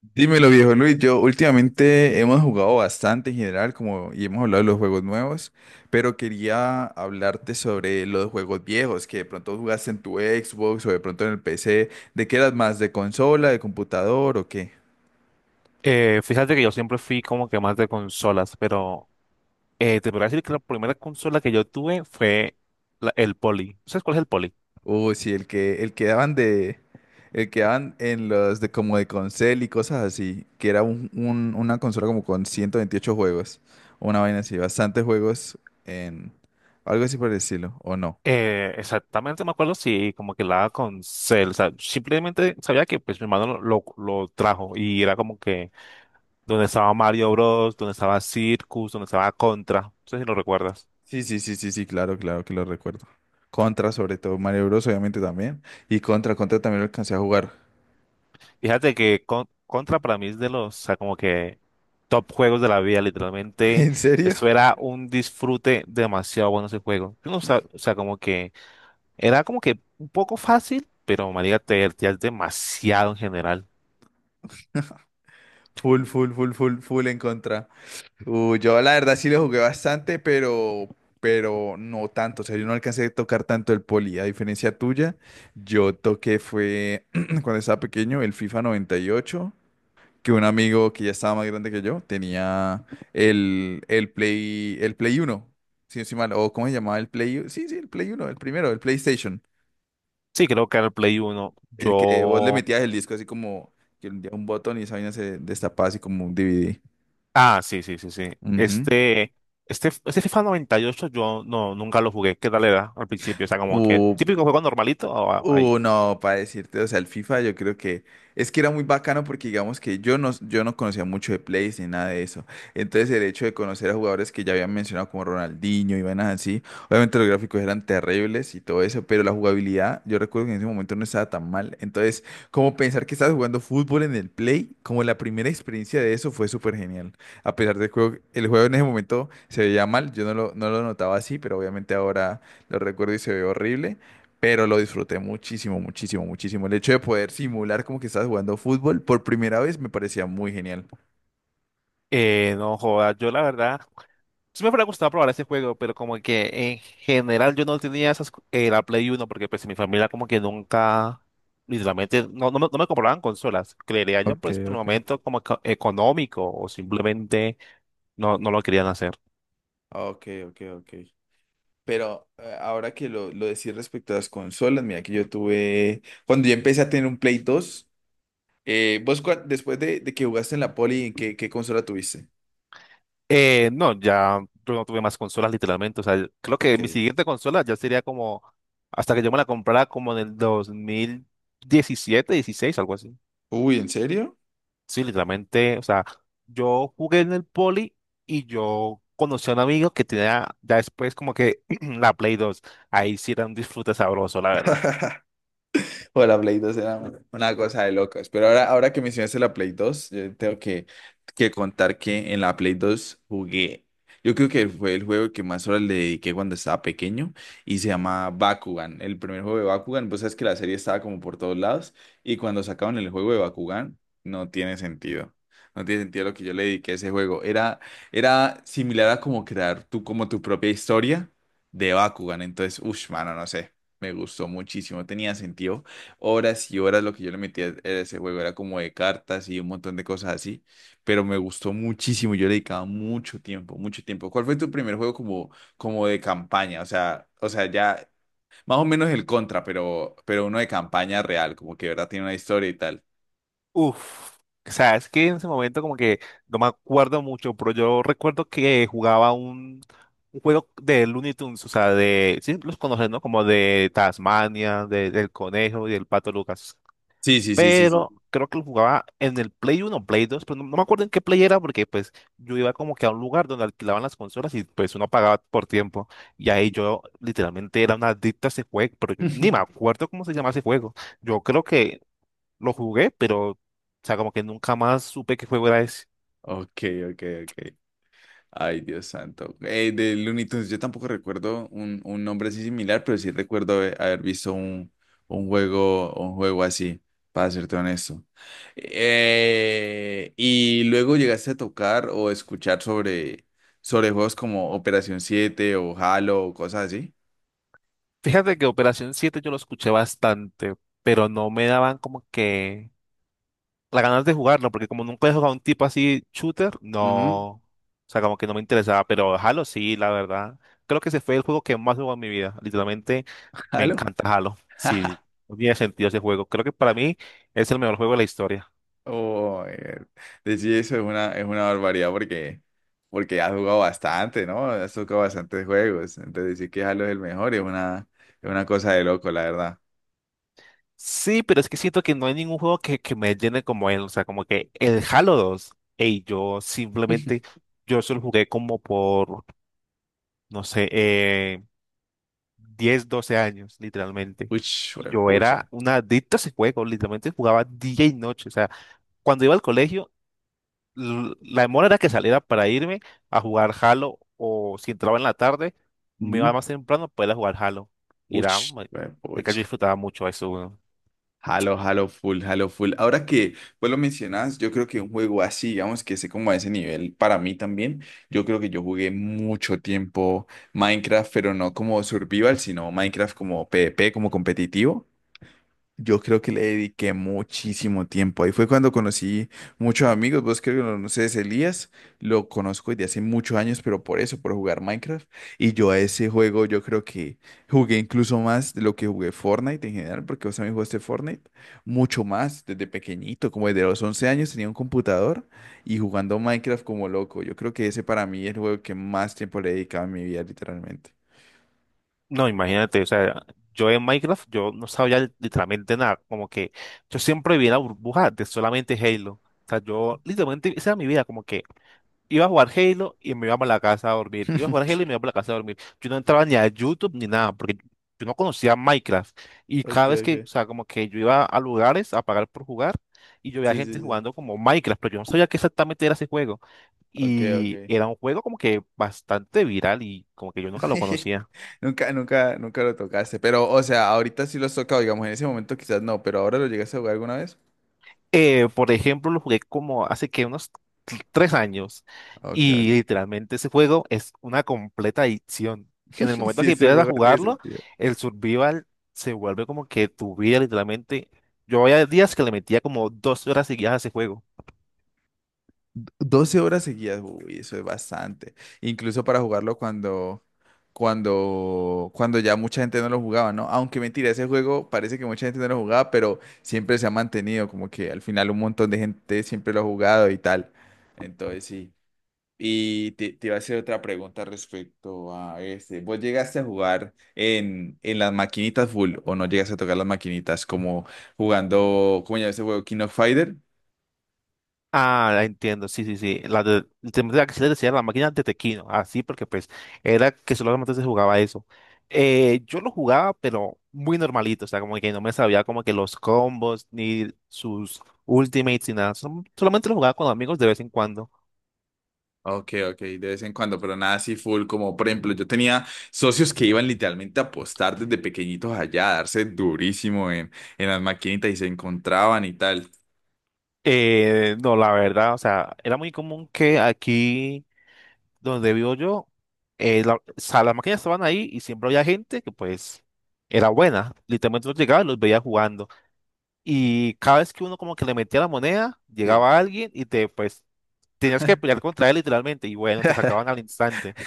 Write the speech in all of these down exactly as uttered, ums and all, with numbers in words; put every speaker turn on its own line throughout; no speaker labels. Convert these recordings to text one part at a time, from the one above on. Dímelo, viejo Luis. Yo últimamente hemos jugado bastante en general, como y hemos hablado de los juegos nuevos, pero quería hablarte sobre los juegos viejos que de pronto jugaste en tu Xbox o de pronto en el P C. ¿De qué eras más? ¿De consola, de computador o qué?
Eh, fíjate que yo siempre fui como que más de consolas, pero eh, te podría decir que la primera consola que yo tuve fue la- el Poly. ¿Sabes cuál es el Poly?
Uh, sí, el que el que daban de el que daban en los de como de console y cosas así, que era un- un- una consola como con ciento veintiocho juegos, una vaina así, bastantes juegos en algo así por el estilo, ¿o no?
Eh, exactamente, me acuerdo, sí, como que la con Cell, o sea, simplemente sabía que pues mi hermano lo, lo, lo trajo y era como que donde estaba Mario Bros, donde estaba Circus, donde estaba Contra, no sé si lo recuerdas.
Sí, sí, sí, sí, sí, claro, claro que lo recuerdo. Contra, sobre todo, Mario Bros, obviamente también. Y contra, contra también lo alcancé a jugar.
Fíjate que Con- Contra para mí es de los, o sea, como que top juegos de la vida, literalmente.
¿En serio?
Eso era un disfrute demasiado bueno ese juego. Yo no sab- O sea, como que era como que un poco fácil, pero María te divertías demasiado en general.
Full, full, full, full, full en contra. Uh, yo la verdad sí lo jugué bastante, pero, pero no tanto. O sea, yo no alcancé a tocar tanto el poli. A diferencia tuya, yo toqué fue cuando estaba pequeño el FIFA noventa y ocho que un amigo que ya estaba más grande que yo tenía el, el Play, el Play uno si no estoy mal, o cómo se llamaba el Play, u- sí, sí, el Play uno, el primero, el PlayStation,
Sí, creo que era el Play uno.
el que vos le
Yo...
metías el disco así como que un día un botón y esa vaina se destapaba así como un D V D.
Ah, sí, sí, sí, sí.
Ujú.
Este, este, este FIFA noventa y ocho yo no, nunca lo jugué. ¿Qué tal era al principio? O sea, como que
O
típico juego normalito. O a- ahí.
Uh, no, para decirte, o sea, el FIFA yo creo que es que era muy bacano porque digamos que yo no, yo no conocía mucho de plays ni nada de eso. Entonces el hecho de conocer a jugadores que ya habían mencionado como Ronaldinho y vainas así, obviamente los gráficos eran terribles y todo eso, pero la jugabilidad yo recuerdo que en ese momento no estaba tan mal. Entonces, como pensar que estabas jugando fútbol en el play, como la primera experiencia de eso fue súper genial. A pesar del juego, el juego en ese momento se veía mal, yo no lo, no lo notaba así, pero obviamente ahora lo recuerdo y se ve horrible. Pero lo disfruté muchísimo, muchísimo, muchísimo. El hecho de poder simular como que estás jugando fútbol por primera vez me parecía muy genial.
Eh, no joda, yo la verdad, sí me hubiera gustado probar ese juego, pero como que en general yo no tenía esas, co- eh, la Play uno porque pues mi familia como que nunca, literalmente, no, no, me, no me compraban consolas. Creería yo
Ok,
pues por el
ok.
momento como eco- económico o simplemente no, no lo querían hacer.
Ok, ok, ok. Pero eh, ahora que lo, lo decís respecto a las consolas, mira que yo tuve, cuando yo empecé a tener un Play dos, eh, vos cua- después de, de, que jugaste en la Poli, ¿en qué, qué consola tuviste?
Eh, no, ya yo no tuve más consolas literalmente. O sea, creo que mi
Ok.
siguiente consola ya sería como hasta que yo me la comprara como en el dos mil diecisiete, dieciséis, algo así.
Uy, ¿en serio?
Sí, literalmente. O sea, yo jugué en el Poli y yo conocí a un amigo que tenía ya después como que la Play dos. Ahí sí era un disfrute sabroso, la verdad.
O La Play dos era una cosa de locos. Pero ahora, ahora que mencionaste la Play dos, yo tengo que, que contar que en la Play dos jugué. Yo creo que fue el juego que más horas le dediqué cuando estaba pequeño y se llama Bakugan. El primer juego de Bakugan, pues sabes que la serie estaba como por todos lados y cuando sacaban el juego de Bakugan, no tiene sentido. No tiene sentido lo que yo le dediqué a ese juego. Era, era similar a como crear tú como tu propia historia de Bakugan. Entonces, uff, mano, no sé. Me gustó muchísimo. Tenía sentido horas y horas lo que yo le metía a ese juego, era como de cartas y un montón de cosas así, pero me gustó muchísimo, yo le dedicaba mucho tiempo, mucho tiempo. ¿Cuál fue tu primer juego como, como de campaña? O sea, o sea, ya más o menos el Contra, pero, pero uno de campaña real, como que de verdad tiene una historia y tal.
Uf, o sea, es que en ese momento como que no me acuerdo mucho, pero yo recuerdo que jugaba un, un juego de Looney Tunes, o sea, de, sí, los conoces, ¿no? Como de Tasmania, de- del Conejo y del Pato Lucas.
Sí, sí, sí, sí, sí.
Pero creo que lo jugaba en el Play uno, Play dos, pero no, no me acuerdo en qué Play era porque pues yo iba como que a un lugar donde alquilaban las consolas y pues uno pagaba por tiempo. Y ahí yo literalmente era una adicta a ese juego, pero yo ni me acuerdo cómo se llama ese juego. Yo creo que lo jugué, pero, o sea, como que nunca más supe qué juego era ese.
Ok, ok, ok. Ay, Dios santo. Eh, de Looney Tunes, yo tampoco recuerdo un, un nombre así similar, pero sí recuerdo haber haber visto un, un juego, un juego así, para serte honesto. Eh, y luego llegaste a tocar o escuchar sobre, sobre juegos como Operación Siete o Halo o cosas así.
Fíjate que Operación siete yo lo escuché bastante, pero no me daban como que las ganas de jugarlo, porque como nunca he jugado a un tipo así shooter,
Ujú.
no, o sea, como que no me interesaba, pero Halo sí, la verdad. Creo que ese fue el juego que más jugó en mi vida. Literalmente me
¿Halo?
encanta Halo. Sí, no tiene sentido ese juego. Creo que para mí es el mejor juego de la historia.
Oh, eh, decir eso es una, es una, barbaridad porque, porque has jugado bastante, ¿no? Has tocado bastantes juegos. Entonces decir que Halo es el mejor es una, es una cosa de loco, la verdad.
Sí, pero es que siento que no hay ningún juego que, que me llene como él. O sea, como que el Halo dos, ey, yo simplemente, yo solo jugué como por, no sé, eh, diez, 12 años, literalmente.
Uch,
Y yo era
pucha.
una adicta a ese juego, literalmente jugaba día y noche. O sea, cuando iba al colegio, l- la demora era que saliera para irme a jugar Halo, o si entraba en la tarde, me iba
Ujú.
más temprano para ir a jugar Halo. Y
Uch,
era, de que yo
pucha.
disfrutaba mucho eso.
Halo, Halo full, Halo full. Ahora que pues lo mencionas, yo creo que un juego así, digamos que sé como a ese nivel, para mí también, yo creo que yo jugué mucho tiempo Minecraft, pero no como survival, sino Minecraft como PvP, como competitivo. Yo creo que le dediqué muchísimo tiempo. Ahí fue cuando conocí muchos amigos. Vos creo que lo conoces, Elías. Lo conozco desde hace muchos años, pero por eso, por jugar Minecraft. Y yo a ese juego, yo creo que jugué incluso más de lo que jugué Fortnite en general, porque vos también jugaste Fortnite mucho más desde pequeñito, como desde los once años tenía un computador y jugando Minecraft como loco. Yo creo que ese para mí es el juego que más tiempo le he dedicado en mi vida, literalmente.
No, imagínate, o sea, yo en Minecraft yo no sabía li- literalmente nada, como que yo siempre vivía en la burbuja de solamente Halo. O sea, yo literalmente, esa era mi vida, como que iba a jugar Halo y me iba para la casa a dormir, iba a jugar Halo y me iba para la casa a dormir. Yo no entraba ni a YouTube ni nada, porque yo no conocía Minecraft. Y
Ok,
cada vez que, o
ok.
sea, como que yo iba a lugares a pagar por jugar y yo veía
Sí, sí,
gente
sí.
jugando como Minecraft, pero yo no sabía qué exactamente era ese juego.
Ok,
Y
ok.
era un juego como que bastante viral y como que yo nunca lo conocía.
Nunca, nunca, nunca lo tocaste. Pero, o sea, ahorita sí lo has tocado, digamos, en ese momento quizás no, pero ahora lo llegaste a jugar alguna vez.
Eh, por ejemplo, lo jugué como hace que unos t- tres años
Ok, ok.
y literalmente ese juego es una completa adicción. En el momento
Si
que
ese
empiezas a
juego tiene
jugarlo,
sentido.
el survival se vuelve como que tu vida, literalmente. Yo había días que le metía como dos horas seguidas a ese juego.
Doce horas seguidas, uy, eso es bastante. Incluso para jugarlo cuando, cuando, cuando ya mucha gente no lo jugaba, ¿no? Aunque mentira, ese juego parece que mucha gente no lo jugaba, pero siempre se ha mantenido, como que al final un montón de gente siempre lo ha jugado y tal. Entonces sí. Y te, te iba a hacer otra pregunta respecto a este. ¿Vos llegaste a jugar en, en las maquinitas full o no llegaste a tocar las maquinitas como jugando, como ya ese juego King of Fighter?
Ah, la entiendo, sí, sí, sí. La de, se me- la que se le decía la máquina de Tequino, así, porque pues era que solamente se jugaba eso. Eh, yo lo jugaba, pero muy normalito, o sea, como que no me sabía como que los combos, ni sus ultimates, ni nada. Sol- solamente lo jugaba con amigos de vez en cuando.
Ok, ok, de vez en cuando, pero nada así full, como por ejemplo, yo tenía socios que iban literalmente a apostar desde pequeñitos allá, a darse durísimo en, en las maquinitas y se encontraban y tal.
Eh, no, la verdad, o sea, era muy común que aquí donde vivo yo, eh, la- o sea, las máquinas estaban ahí y siempre había gente que pues era buena. Literalmente los llegaba y los veía jugando. Y cada vez que uno como que le metía la moneda,
Sí.
llegaba alguien y te, pues, tenías que pelear contra él literalmente. Y bueno, te sacaban al instante.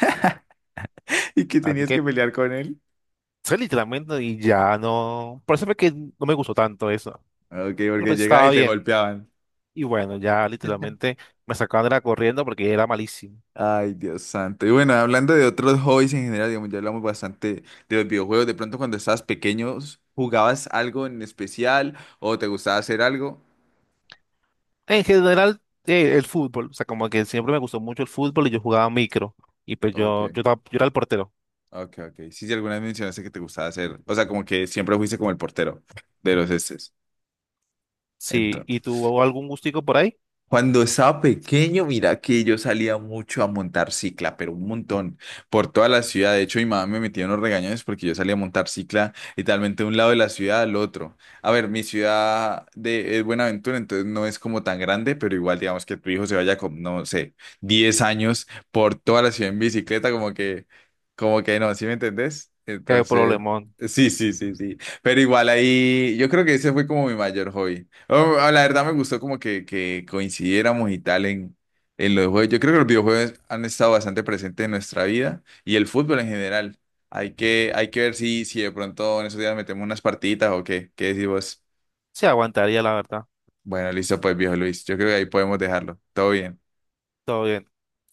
Y que
Así
tenías que
que,
pelear con él.
sí, literalmente, y ya no. Por eso fue que no me gustó tanto eso.
Ok,
Pero
porque
pues
llegaba
estaba
y te
bien.
golpeaban.
Y bueno, ya literalmente me sacaban de la corriendo porque era malísimo.
Ay, Dios santo. Y bueno, hablando de otros hobbies en general, digamos, ya hablamos bastante de los videojuegos. De pronto, cuando estabas pequeño, ¿jugabas algo en especial o te gustaba hacer algo?
En general, eh, el fútbol. O sea, como que siempre me gustó mucho el fútbol y yo jugaba micro. Y pues
Ok,
yo, yo, estaba- yo era el portero.
ok, ok. Sí, sí, alguna vez mencionaste que te gustaba hacer. O sea, como que siempre fuiste como el portero de los estes.
Sí, ¿y tuvo algún gustico por ahí?
Cuando estaba pequeño, mira que yo salía mucho a montar cicla, pero un montón, por toda la ciudad. De hecho, mi mamá me metía unos regañones porque yo salía a montar cicla literalmente de un lado de la ciudad al otro. A ver, mi ciudad de, es Buenaventura, entonces no es como tan grande, pero igual digamos que tu hijo se vaya con, no sé, diez años por toda la ciudad en bicicleta, como que, como que no, ¿sí me entendés?
Qué
Entonces,
problemón.
sí, sí, sí, sí. Pero igual ahí, yo creo que ese fue como mi mayor hobby. O- o la verdad me gustó como que, que coincidiéramos y tal en, en los juegos. Yo creo que los videojuegos han estado bastante presentes en nuestra vida y el fútbol en general. Hay que, hay que ver si, si de pronto en esos días metemos unas partiditas o qué. ¿Qué decís vos?
Se aguantaría, la verdad.
Bueno, listo pues, viejo Luis. Yo creo que ahí podemos dejarlo. Todo bien.
Todo bien.